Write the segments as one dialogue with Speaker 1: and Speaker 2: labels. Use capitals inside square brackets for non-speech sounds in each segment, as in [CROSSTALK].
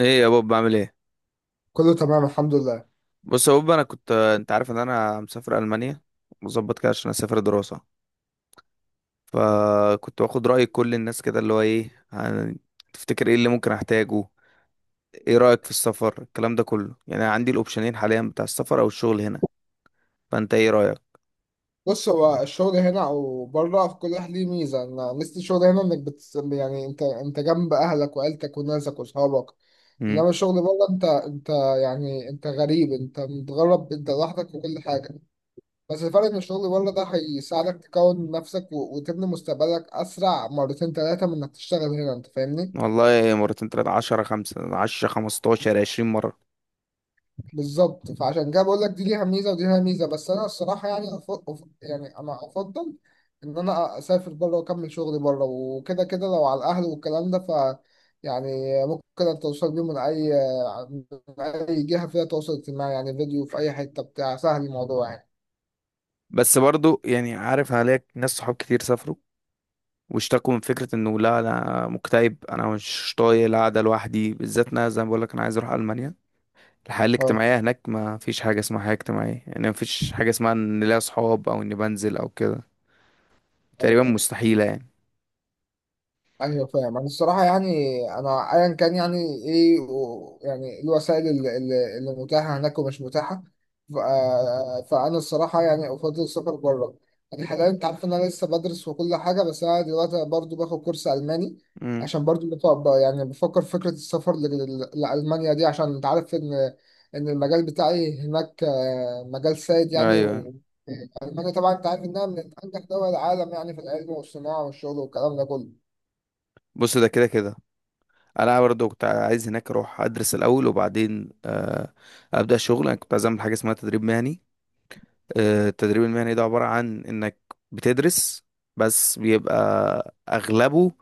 Speaker 1: ايه يا بوب، بعمل ايه؟
Speaker 2: كله تمام الحمد لله.
Speaker 1: بص يا بوب، انا كنت، انت عارف ان انا مسافر المانيا، مظبط كده عشان اسافر دراسه. فكنت باخد راي كل الناس كده، اللي هو ايه تفتكر ايه اللي ممكن احتاجه؟ ايه رايك في السفر، الكلام ده كله، يعني أنا عندي الاوبشنين حاليا بتاع السفر او الشغل هنا. فانت ايه رايك؟
Speaker 2: بص، هو الشغل هنا او بره في كل واحد ليه ميزه. انا ميزه الشغل هنا انك بت... يعني انت جنب اهلك وعيلتك وناسك واصحابك،
Speaker 1: امم.
Speaker 2: انما الشغل بره انت يعني انت غريب، انت متغرب، انت لوحدك وكل حاجه. بس الفرق ان الشغل بره ده هيساعدك تكون نفسك وتبني مستقبلك اسرع مرتين ثلاثه من انك تشتغل هنا. انت فاهمني؟
Speaker 1: والله مرتين، تلاتة، 10، 15، 15، 20 مرة.
Speaker 2: بالظبط. فعشان كده بقول لك دي ليها ميزه ودي ليها ميزه، بس انا الصراحه يعني أفضل، يعني انا افضل ان انا اسافر بره واكمل شغلي بره، وكده كده لو على الاهل والكلام ده، يعني ممكن اتواصل بيهم من اي، من اي جهه فيها تواصل اجتماعي، يعني فيديو في اي حته، بتاع سهل الموضوع يعني.
Speaker 1: بس برضو يعني عارف، عليك ناس صحاب كتير سافروا واشتكوا من فكرة انه لا، انا مكتئب، انا مش طايق القعدة لوحدي. بالذات انا زي ما بقولك، انا عايز اروح المانيا. الحياة
Speaker 2: اه.
Speaker 1: الاجتماعية هناك ما فيش حاجة اسمها حياة اجتماعية، يعني ما فيش حاجة اسمها ان ليا صحاب او اني بنزل او كده، تقريبا
Speaker 2: ايوه،
Speaker 1: مستحيلة يعني.
Speaker 2: ايوه. انا الصراحه يعني انا ايا كان يعني ايه يعني إيه الوسائل اللي متاحه هناك ومش متاحه. فانا الصراحه يعني افضل السفر بره. يعني حاليا انت عارف ان انا لسه بدرس وكل حاجه، بس انا دلوقتي برضو باخد كورس الماني،
Speaker 1: امم،
Speaker 2: عشان برضو يعني بفكر في فكره السفر لالمانيا دي، عشان انت عارف ان ان المجال بتاعي هناك مجال سائد يعني.
Speaker 1: ايوه.
Speaker 2: والمانيا طبعا انت عارف انها من انجح دول العالم يعني في العلم والصناعه والشغل والكلام ده كله.
Speaker 1: بص، ده كده كده انا برضه كنت عايز هناك اروح ادرس الاول، وبعدين ابدا شغل. انا كنت عايز اعمل حاجة اسمها تدريب مهني. التدريب المهني ده عبارة عن انك بتدرس، بس بيبقى اغلبه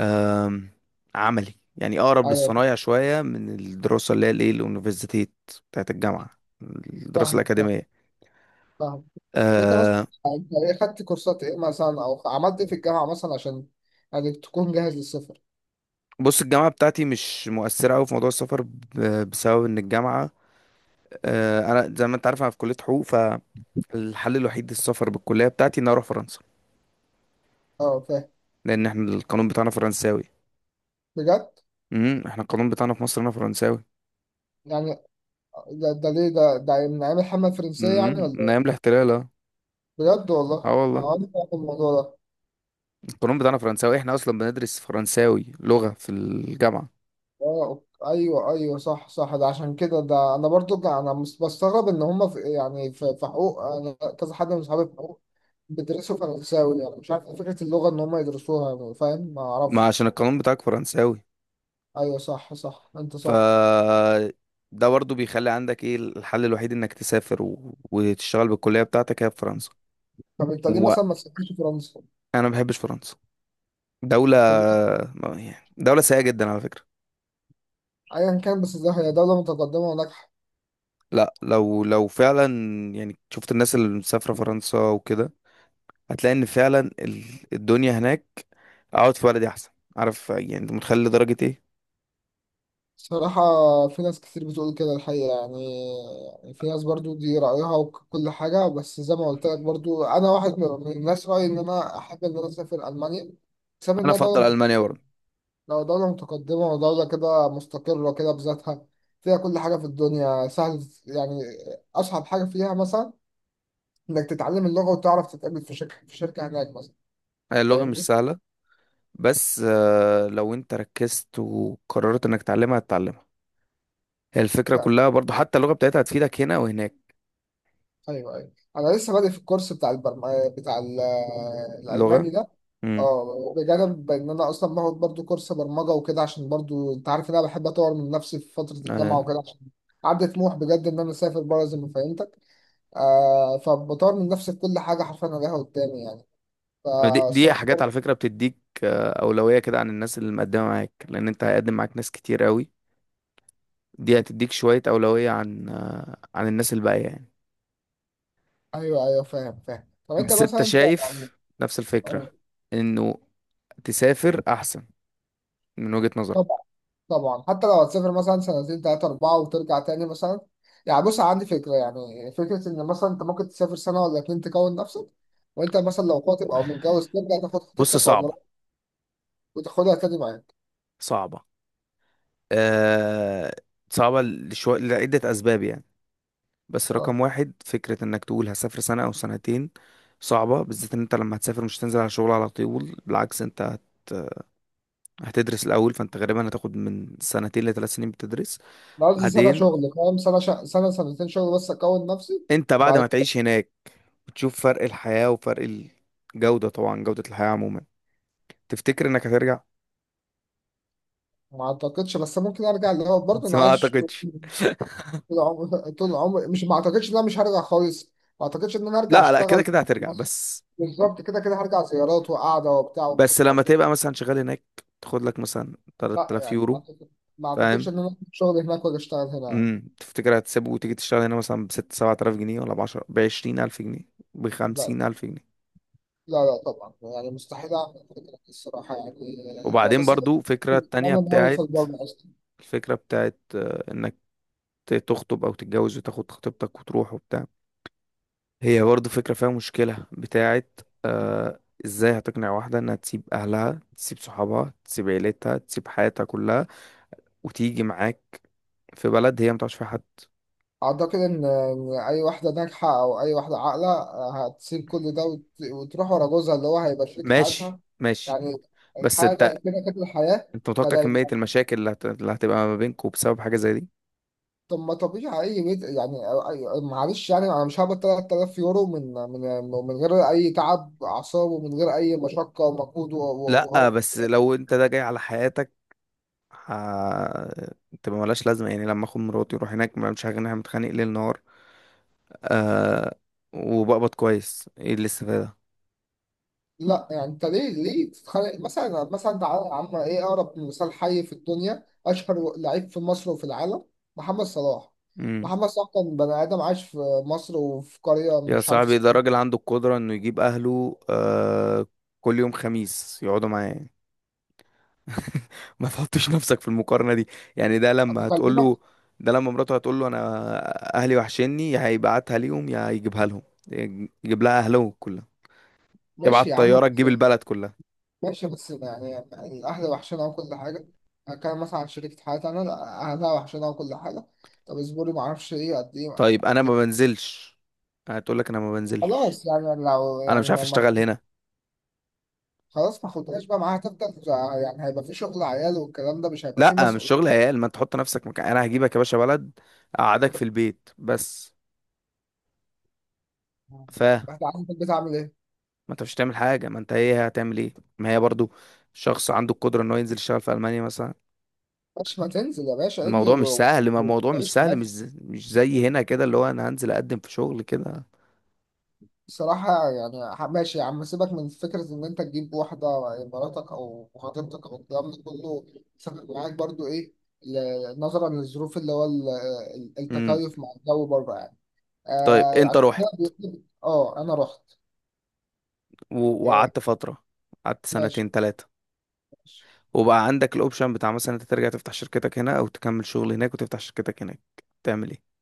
Speaker 1: آم، عملي، يعني أقرب
Speaker 2: ايوه،
Speaker 1: للصنايع شوية من الدراسة اللي هي الإيه اليونيفرسيتيت بتاعت الجامعة، الدراسة
Speaker 2: فاهمك فاهم-
Speaker 1: الأكاديمية.
Speaker 2: فاهمك. وانت مثلا،
Speaker 1: أه.
Speaker 2: انت ايه خدت كورسات ايه مثلا او عملت ايه في الجامعه مثلا عشان يعني تكون جاهز للسفر؟
Speaker 1: بص الجامعة بتاعتي مش مؤثرة أوي في موضوع السفر بسبب إن الجامعة، أه، أنا زي ما أنت عارف أنا في كلية حقوق، فالحل الوحيد للسفر بالكلية بتاعتي إن أنا أروح فرنسا،
Speaker 2: اه فاهم.
Speaker 1: لأن إحنا القانون بتاعنا فرنساوي.
Speaker 2: بجد؟
Speaker 1: امم، إحنا القانون بتاعنا في مصر هنا فرنساوي.
Speaker 2: يعني ده ليه؟ ده من ايام الحمله الفرنسيه يعني
Speaker 1: امم،
Speaker 2: ولا
Speaker 1: من أيام
Speaker 2: ايه؟
Speaker 1: الاحتلال، أه.
Speaker 2: بجد؟
Speaker 1: آه
Speaker 2: والله
Speaker 1: والله،
Speaker 2: اه انا فاهم الموضوع ده.
Speaker 1: القانون بتاعنا فرنساوي، إحنا أصلا بندرس فرنساوي لغة في الجامعة.
Speaker 2: اه ايوه ايوه، صح صح. ده عشان كده ده انا برضو بستغرب ان هم في يعني في حقوق. انا كذا حد من صحابي في حقوق بيدرسوا فرنساوي، يعني مش عارف إيه فكره اللغه ان هم يدرسوها يعني، فاهم؟ ما
Speaker 1: ما
Speaker 2: اعرفش.
Speaker 1: عشان القانون بتاعك فرنساوي.
Speaker 2: ايوه صح صح، انت
Speaker 1: ف،
Speaker 2: صح.
Speaker 1: ده برضه بيخلي عندك ايه، الحل الوحيد انك تسافر و... وتشتغل بالكلية بتاعتك هي في فرنسا.
Speaker 2: طب انت ليه
Speaker 1: وانا
Speaker 2: مثلا ما تسافرش فرنسا؟
Speaker 1: ما بحبش فرنسا، دولة،
Speaker 2: طب
Speaker 1: يعني دولة سيئة جدا على فكرة.
Speaker 2: ايا كان، بس ده هي دولة متقدمة وناجحة.
Speaker 1: لا، لو فعلا يعني شفت الناس اللي مسافرة فرنسا وكده، هتلاقي ان فعلا الدنيا هناك، اقعد في بلدي احسن. عارف يعني، انت متخيل لدرجة ايه؟
Speaker 2: الصراحة في ناس كتير بتقول كده الحقيقة يعني. يعني في ناس برضو دي رأيها وكل حاجة، بس زي ما قلت لك برضو أنا واحد من الناس رأيي إن أنا أحب إن أنا أسافر ألمانيا، بسبب
Speaker 1: انا
Speaker 2: إنها دولة
Speaker 1: افضل
Speaker 2: مت...
Speaker 1: المانيا برضه.
Speaker 2: لو دولة متقدمة ودولة كده مستقرة كده بذاتها، فيها كل حاجة في الدنيا سهل يعني. أصعب حاجة فيها مثلا إنك تتعلم اللغة، وتعرف تتقابل في شركة في شركة هناك مثلا.
Speaker 1: هي اللغة مش
Speaker 2: فاهمني؟
Speaker 1: سهلة، بس لو انت ركزت وقررت انك تتعلمها هتتعلمها. هي الفكرة كلها برضو، حتى اللغة بتاعتها هتفيدك هنا وهناك،
Speaker 2: ايوه ايوه، انا لسه بادئ في الكورس بتاع البرم... آه، بتاع ال- آه،
Speaker 1: لغة.
Speaker 2: الالماني ده.
Speaker 1: امم،
Speaker 2: اه بجانب ان انا اصلا باخد برضو كورس برمجه وكده، عشان برضو انت عارف ان انا بحب اطور من نفسي في فتره
Speaker 1: آه.
Speaker 2: الجامعه وكده، عشان عندي طموح بجد ان انا اسافر بره زي ما فهمتك. آه فبطور من نفسي في كل حاجه حرفيا، انا لها قدامي يعني.
Speaker 1: دي
Speaker 2: فالصراحه
Speaker 1: حاجات
Speaker 2: برضو-
Speaker 1: على فكرة بتديك أولوية كده عن الناس اللي مقدمة معاك، لأن انت هيقدم معاك ناس كتير قوي. دي هتديك شوية أولوية عن عن الناس الباقية يعني.
Speaker 2: ايوه ايوه، فاهم فاهم. طب انت
Speaker 1: بس انت
Speaker 2: مثلا، انت يعني
Speaker 1: شايف نفس الفكرة،
Speaker 2: آه،
Speaker 1: انه تسافر أحسن من وجهة
Speaker 2: طب
Speaker 1: نظرك؟
Speaker 2: طبعا حتى لو هتسافر مثلا سنتين تلاتة أربعة وترجع تاني مثلا. يعني بص، عندي فكرة، يعني فكرة إن مثلا أنت ممكن تسافر سنة ولا اتنين تكون نفسك، وأنت مثلا لو خاطب أو متجوز ترجع تاخد
Speaker 1: بص،
Speaker 2: خطيبتك عمرك،
Speaker 1: صعبة.
Speaker 2: وتاخدها تاني معاك.
Speaker 1: صعبة، أه. صعبة لشوية، لعدة أسباب يعني. بس
Speaker 2: اه
Speaker 1: رقم واحد، فكرة انك تقول هسافر سنة او سنتين صعبة. بالذات ان انت لما هتسافر مش هتنزل على شغل على طول، بالعكس انت هتدرس الاول، فانت غالبا هتاخد من سنتين لثلاث سنين بتدرس.
Speaker 2: أنا قصدي سنة
Speaker 1: بعدين
Speaker 2: شغل، فاهم؟ سنة سنتين شغل بس أكون نفسي.
Speaker 1: انت بعد
Speaker 2: بعد
Speaker 1: ما
Speaker 2: كده
Speaker 1: تعيش هناك بتشوف فرق الحياة وفرق الجودة، طبعا جودة الحياة عموما. تفتكر انك هترجع؟
Speaker 2: ما أعتقدش، بس ممكن أرجع. اللي هو
Speaker 1: [LAUGHS]
Speaker 2: برضه
Speaker 1: بس
Speaker 2: أنا
Speaker 1: ما
Speaker 2: عايش طول،
Speaker 1: اعتقدش.
Speaker 2: طول عمري، طول عمري. مش ما أعتقدش إن أنا مش هرجع خالص، ما أعتقدش إن أنا هرجع
Speaker 1: لا لا، كده
Speaker 2: أشتغل
Speaker 1: كده
Speaker 2: في
Speaker 1: هترجع
Speaker 2: مصر.
Speaker 1: بس.
Speaker 2: بالظبط، كده كده هرجع زيارات وقعدة وبتاع
Speaker 1: بس لما
Speaker 2: وفسحة.
Speaker 1: تبقى مثلا شغال هناك تاخد لك مثلا
Speaker 2: لا
Speaker 1: 3000
Speaker 2: يعني
Speaker 1: يورو،
Speaker 2: ما أعتقد- ما اعتقدش
Speaker 1: فاهم؟
Speaker 2: ان انا أخد شغل هناك ولا اشتغل هنا يعني.
Speaker 1: امم. تفتكر هتسيبه وتيجي تشتغل هنا مثلا بست سبعة آلاف جنيه؟ ولا بعشرة، بـ20 ألف جنيه؟
Speaker 2: لا
Speaker 1: بـ50 ألف جنيه؟
Speaker 2: لا طبعا، يعني مستحيل اعمل كده الصراحه يعني، انا
Speaker 1: وبعدين
Speaker 2: بس
Speaker 1: برضو، فكرة التانية
Speaker 2: اتمنى ان هو يوصل
Speaker 1: بتاعت
Speaker 2: بره اصلا.
Speaker 1: الفكرة بتاعت إنك تخطب أو تتجوز وتاخد خطيبتك وتروح وبتاع. هي برضو فكرة فيها مشكلة بتاعت إزاي هتقنع واحدة إنها تسيب أهلها، تسيب صحابها، تسيب عيلتها، تسيب حياتها كلها وتيجي معاك في بلد هي متعرفش فيها حد؟
Speaker 2: اعتقد ان اي واحده ناجحه او اي واحده عاقله آه، هتسيب كل ده وتروح ورا جوزها اللي هو هيبقى شريك
Speaker 1: ماشي
Speaker 2: حياتها
Speaker 1: ماشي.
Speaker 2: يعني.
Speaker 1: بس
Speaker 2: الحياه ده
Speaker 1: انت
Speaker 2: كده كده الحياه.
Speaker 1: انت متوقع كمية المشاكل اللي اللي هتبقى ما بينكوا بسبب حاجة زي دي؟
Speaker 2: طب ما طبيعي اي بيت يعني، أي- معلش يعني انا مش هقبض 3000 يورو من غير اي تعب اعصاب، ومن غير اي مشقه ومجهود
Speaker 1: لا
Speaker 2: وقرف.
Speaker 1: بس لو انت ده جاي على حياتك، ه... تبقى ملهاش لازمة. يعني لما اخد مراتي واروح هناك ما، مش هغني متخانق ليل نهار آه... وبقبض كويس، ايه الاستفادة؟
Speaker 2: لا يعني انت ليه تتخانق؟ مثلا مثلا تعالى يا عم، ايه اقرب مثال حي في الدنيا؟ اشهر لعيب في مصر وفي العالم محمد صلاح.
Speaker 1: مم.
Speaker 2: محمد صلاح كان بني ادم عايش في مصر وفي قريه
Speaker 1: يا
Speaker 2: مش عارف
Speaker 1: صاحبي
Speaker 2: اسمها
Speaker 1: ده
Speaker 2: إيه.
Speaker 1: راجل عنده القدرة انه يجيب اهله كل يوم خميس يقعدوا معاه. [LAUGHS] ما تحطش نفسك في المقارنة دي. يعني ده
Speaker 2: طب
Speaker 1: لما هتقول
Speaker 2: بكلمك.
Speaker 1: له، ده لما مراته هتقول له انا اهلي وحشني، يا هيبعتها ليهم يا هيجيبها لهم، يجيب لها اهله كلها،
Speaker 2: ماشي يا
Speaker 1: يبعت
Speaker 2: عم.
Speaker 1: طيارة تجيب البلد كلها.
Speaker 2: ماشي بس يعني الأهل وحشنا وكل حاجة. هتكلم مثلا عن شركة حياتي أنا، لا، أهلها وحشنا وكل حاجة. طب اصبري. معرفش إيه قد إيه،
Speaker 1: طيب انا
Speaker 2: قد
Speaker 1: ما
Speaker 2: إيه.
Speaker 1: بنزلش، هتقول لك انا ما بنزلش،
Speaker 2: خلاص يعني لو
Speaker 1: انا
Speaker 2: يعني
Speaker 1: مش عارف
Speaker 2: ما.
Speaker 1: اشتغل هنا.
Speaker 2: خلاص ما خدهاش بقى، معاها تفضل. يعني هيبقى في شغل عيال، والكلام ده مش هيبقى في
Speaker 1: لا مش شغل
Speaker 2: مسؤولية.
Speaker 1: عيال، ما انت تحط نفسك مكان انا، هجيبك يا باشا بلد اقعدك في البيت بس. ف ما،
Speaker 2: هتعرف البيت عامل إيه.
Speaker 1: انت مش هتعمل حاجه، ما انت ايه هتعمل ايه، ما هي برضو شخص عنده القدره ان هو ينزل يشتغل في المانيا مثلا.
Speaker 2: ماشي، ما تنزل يا باشا،
Speaker 1: الموضوع مش سهل، ما الموضوع مش
Speaker 2: وتعيش
Speaker 1: سهل، مش
Speaker 2: حياتك.
Speaker 1: زي هنا كده اللي هو انا هنزل اقدم في شغل كده.
Speaker 2: صراحة يعني ماشي يا عم، سيبك من فكرة إن أنت تجيب واحدة، مراتك أو خطيبتك أو الكلام ده كله، سبب معاك برضو إيه، نظرا للظروف اللي هو
Speaker 1: امم.
Speaker 2: التكيف مع الجو بره يعني.
Speaker 1: طيب،
Speaker 2: آه
Speaker 1: انت
Speaker 2: عشان كده
Speaker 1: رحت
Speaker 2: أه أنا رحت.
Speaker 1: و-
Speaker 2: آه.
Speaker 1: وقعدت فتره، قعدت
Speaker 2: ماشي
Speaker 1: سنتين تلاتة،
Speaker 2: ماشي.
Speaker 1: وبقى عندك الاوبشن بتاع، مثلا انت ترجع تفتح شركتك هنا او تكمل شغل هناك وتفتح شركتك هناك، تعمل ايه؟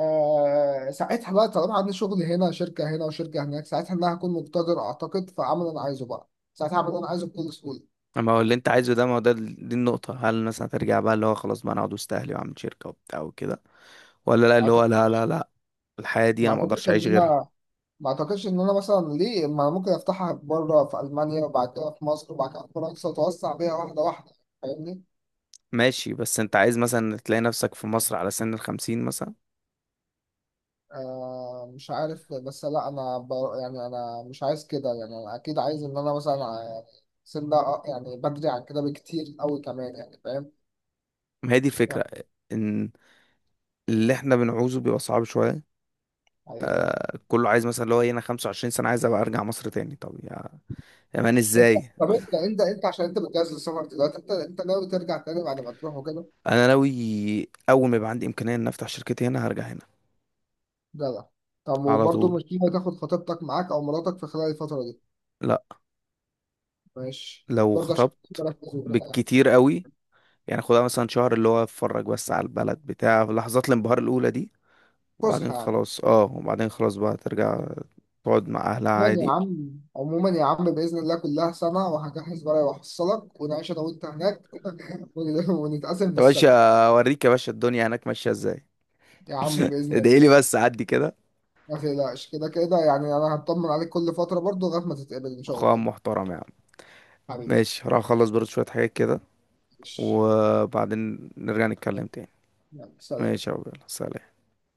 Speaker 2: آه ساعتها بقى، طالما عندي شغل هنا، شركة هنا وشركة هناك، ساعتها إن أنا هكون مقتدر أعتقد، فأعمل اللي أنا عايزه بقى. ساعتها هعمل اللي أنا عايزه بكل سهولة.
Speaker 1: اما هو اللي انت عايزه ده، ما هو ده دي النقطة. هل الناس هترجع بقى، اللي هو خلاص بقى انا اقعد وسط اهلي واعمل شركة وبتاع وكده؟ ولا لا،
Speaker 2: ما
Speaker 1: اللي هو
Speaker 2: أعتقد-
Speaker 1: لا لا لا، الحياة دي
Speaker 2: ما
Speaker 1: انا ما اقدرش
Speaker 2: أعتقدش إن
Speaker 1: اعيش غيرها.
Speaker 2: أنا، ما اعتقدش ان انا مثلا ليه، ما أنا ممكن افتحها بره في المانيا، وبعد كده في مصر، وبعد كده في فرنسا، واتوسع بيها واحده واحده، فاهمني؟
Speaker 1: ماشي. بس انت عايز مثلا تلاقي نفسك في مصر على سن الـ50 مثلا؟
Speaker 2: آه مش عارف. بس لا انا ب... يعني انا مش عايز كده، يعني انا اكيد عايز ان انا مثلا سن ده، يعني بدري عن كده بكتير قوي كمان، يعني فاهم؟
Speaker 1: ما هي دي
Speaker 2: يعني.
Speaker 1: الفكرة، ان اللي احنا بنعوزه بيبقى صعب شوية.
Speaker 2: يعني
Speaker 1: كله عايز مثلا اللي هو انا 25 سنة عايز ابقى ارجع مصر تاني. طب يا مان،
Speaker 2: انت
Speaker 1: ازاي؟
Speaker 2: [LAUGHS] طب انت انت عشان انت بتجهز للسفر دلوقتي، انت انت ناوي ترجع تاني بعد ما تروح وكده؟
Speaker 1: انا ناوي اول ما يبقى عندي امكانيه ان افتح شركتي هنا هرجع هنا
Speaker 2: جدع. طب
Speaker 1: على
Speaker 2: وبرضه
Speaker 1: طول.
Speaker 2: مش ناوي تاخد خطيبتك معاك او مراتك في خلال الفتره دي؟
Speaker 1: لا.
Speaker 2: ماشي
Speaker 1: لو
Speaker 2: برضه عشان
Speaker 1: خطبت، بالكتير قوي يعني، خدها مثلا شهر اللي هو اتفرج بس على البلد بتاع في لحظات الانبهار الاولى دي، وبعدين
Speaker 2: فسحة يعني.
Speaker 1: خلاص، اه وبعدين خلاص بقى ترجع تقعد مع اهلها
Speaker 2: يعني يا
Speaker 1: عادي.
Speaker 2: عم، عموما يا عم بإذن الله كلها سنة وهجهز ورقة وأحصلك، ونعيش أنا وأنت هناك [LAUGHS] ونتقاسم في
Speaker 1: يا باشا،
Speaker 2: السكن.
Speaker 1: اوريك يا باشا الدنيا هناك ماشيه ازاي.
Speaker 2: يا عم
Speaker 1: [LAUGHS]
Speaker 2: بإذن
Speaker 1: ادعي لي
Speaker 2: الله.
Speaker 1: بس عدي كده.
Speaker 2: ما تقلقش، كده كده يعني أنا هطمن عليك كل فترة برضو لغاية ما تتقبل إن شاء
Speaker 1: اخويا
Speaker 2: الله.
Speaker 1: محترم يا عم.
Speaker 2: حبيبي.
Speaker 1: ماشي، هروح اخلص برضه شويه حاجات كده
Speaker 2: ماشي.
Speaker 1: وبعدين نرجع نتكلم تاني.
Speaker 2: يلا سلام.
Speaker 1: ماشي يا عبد الله. سلام.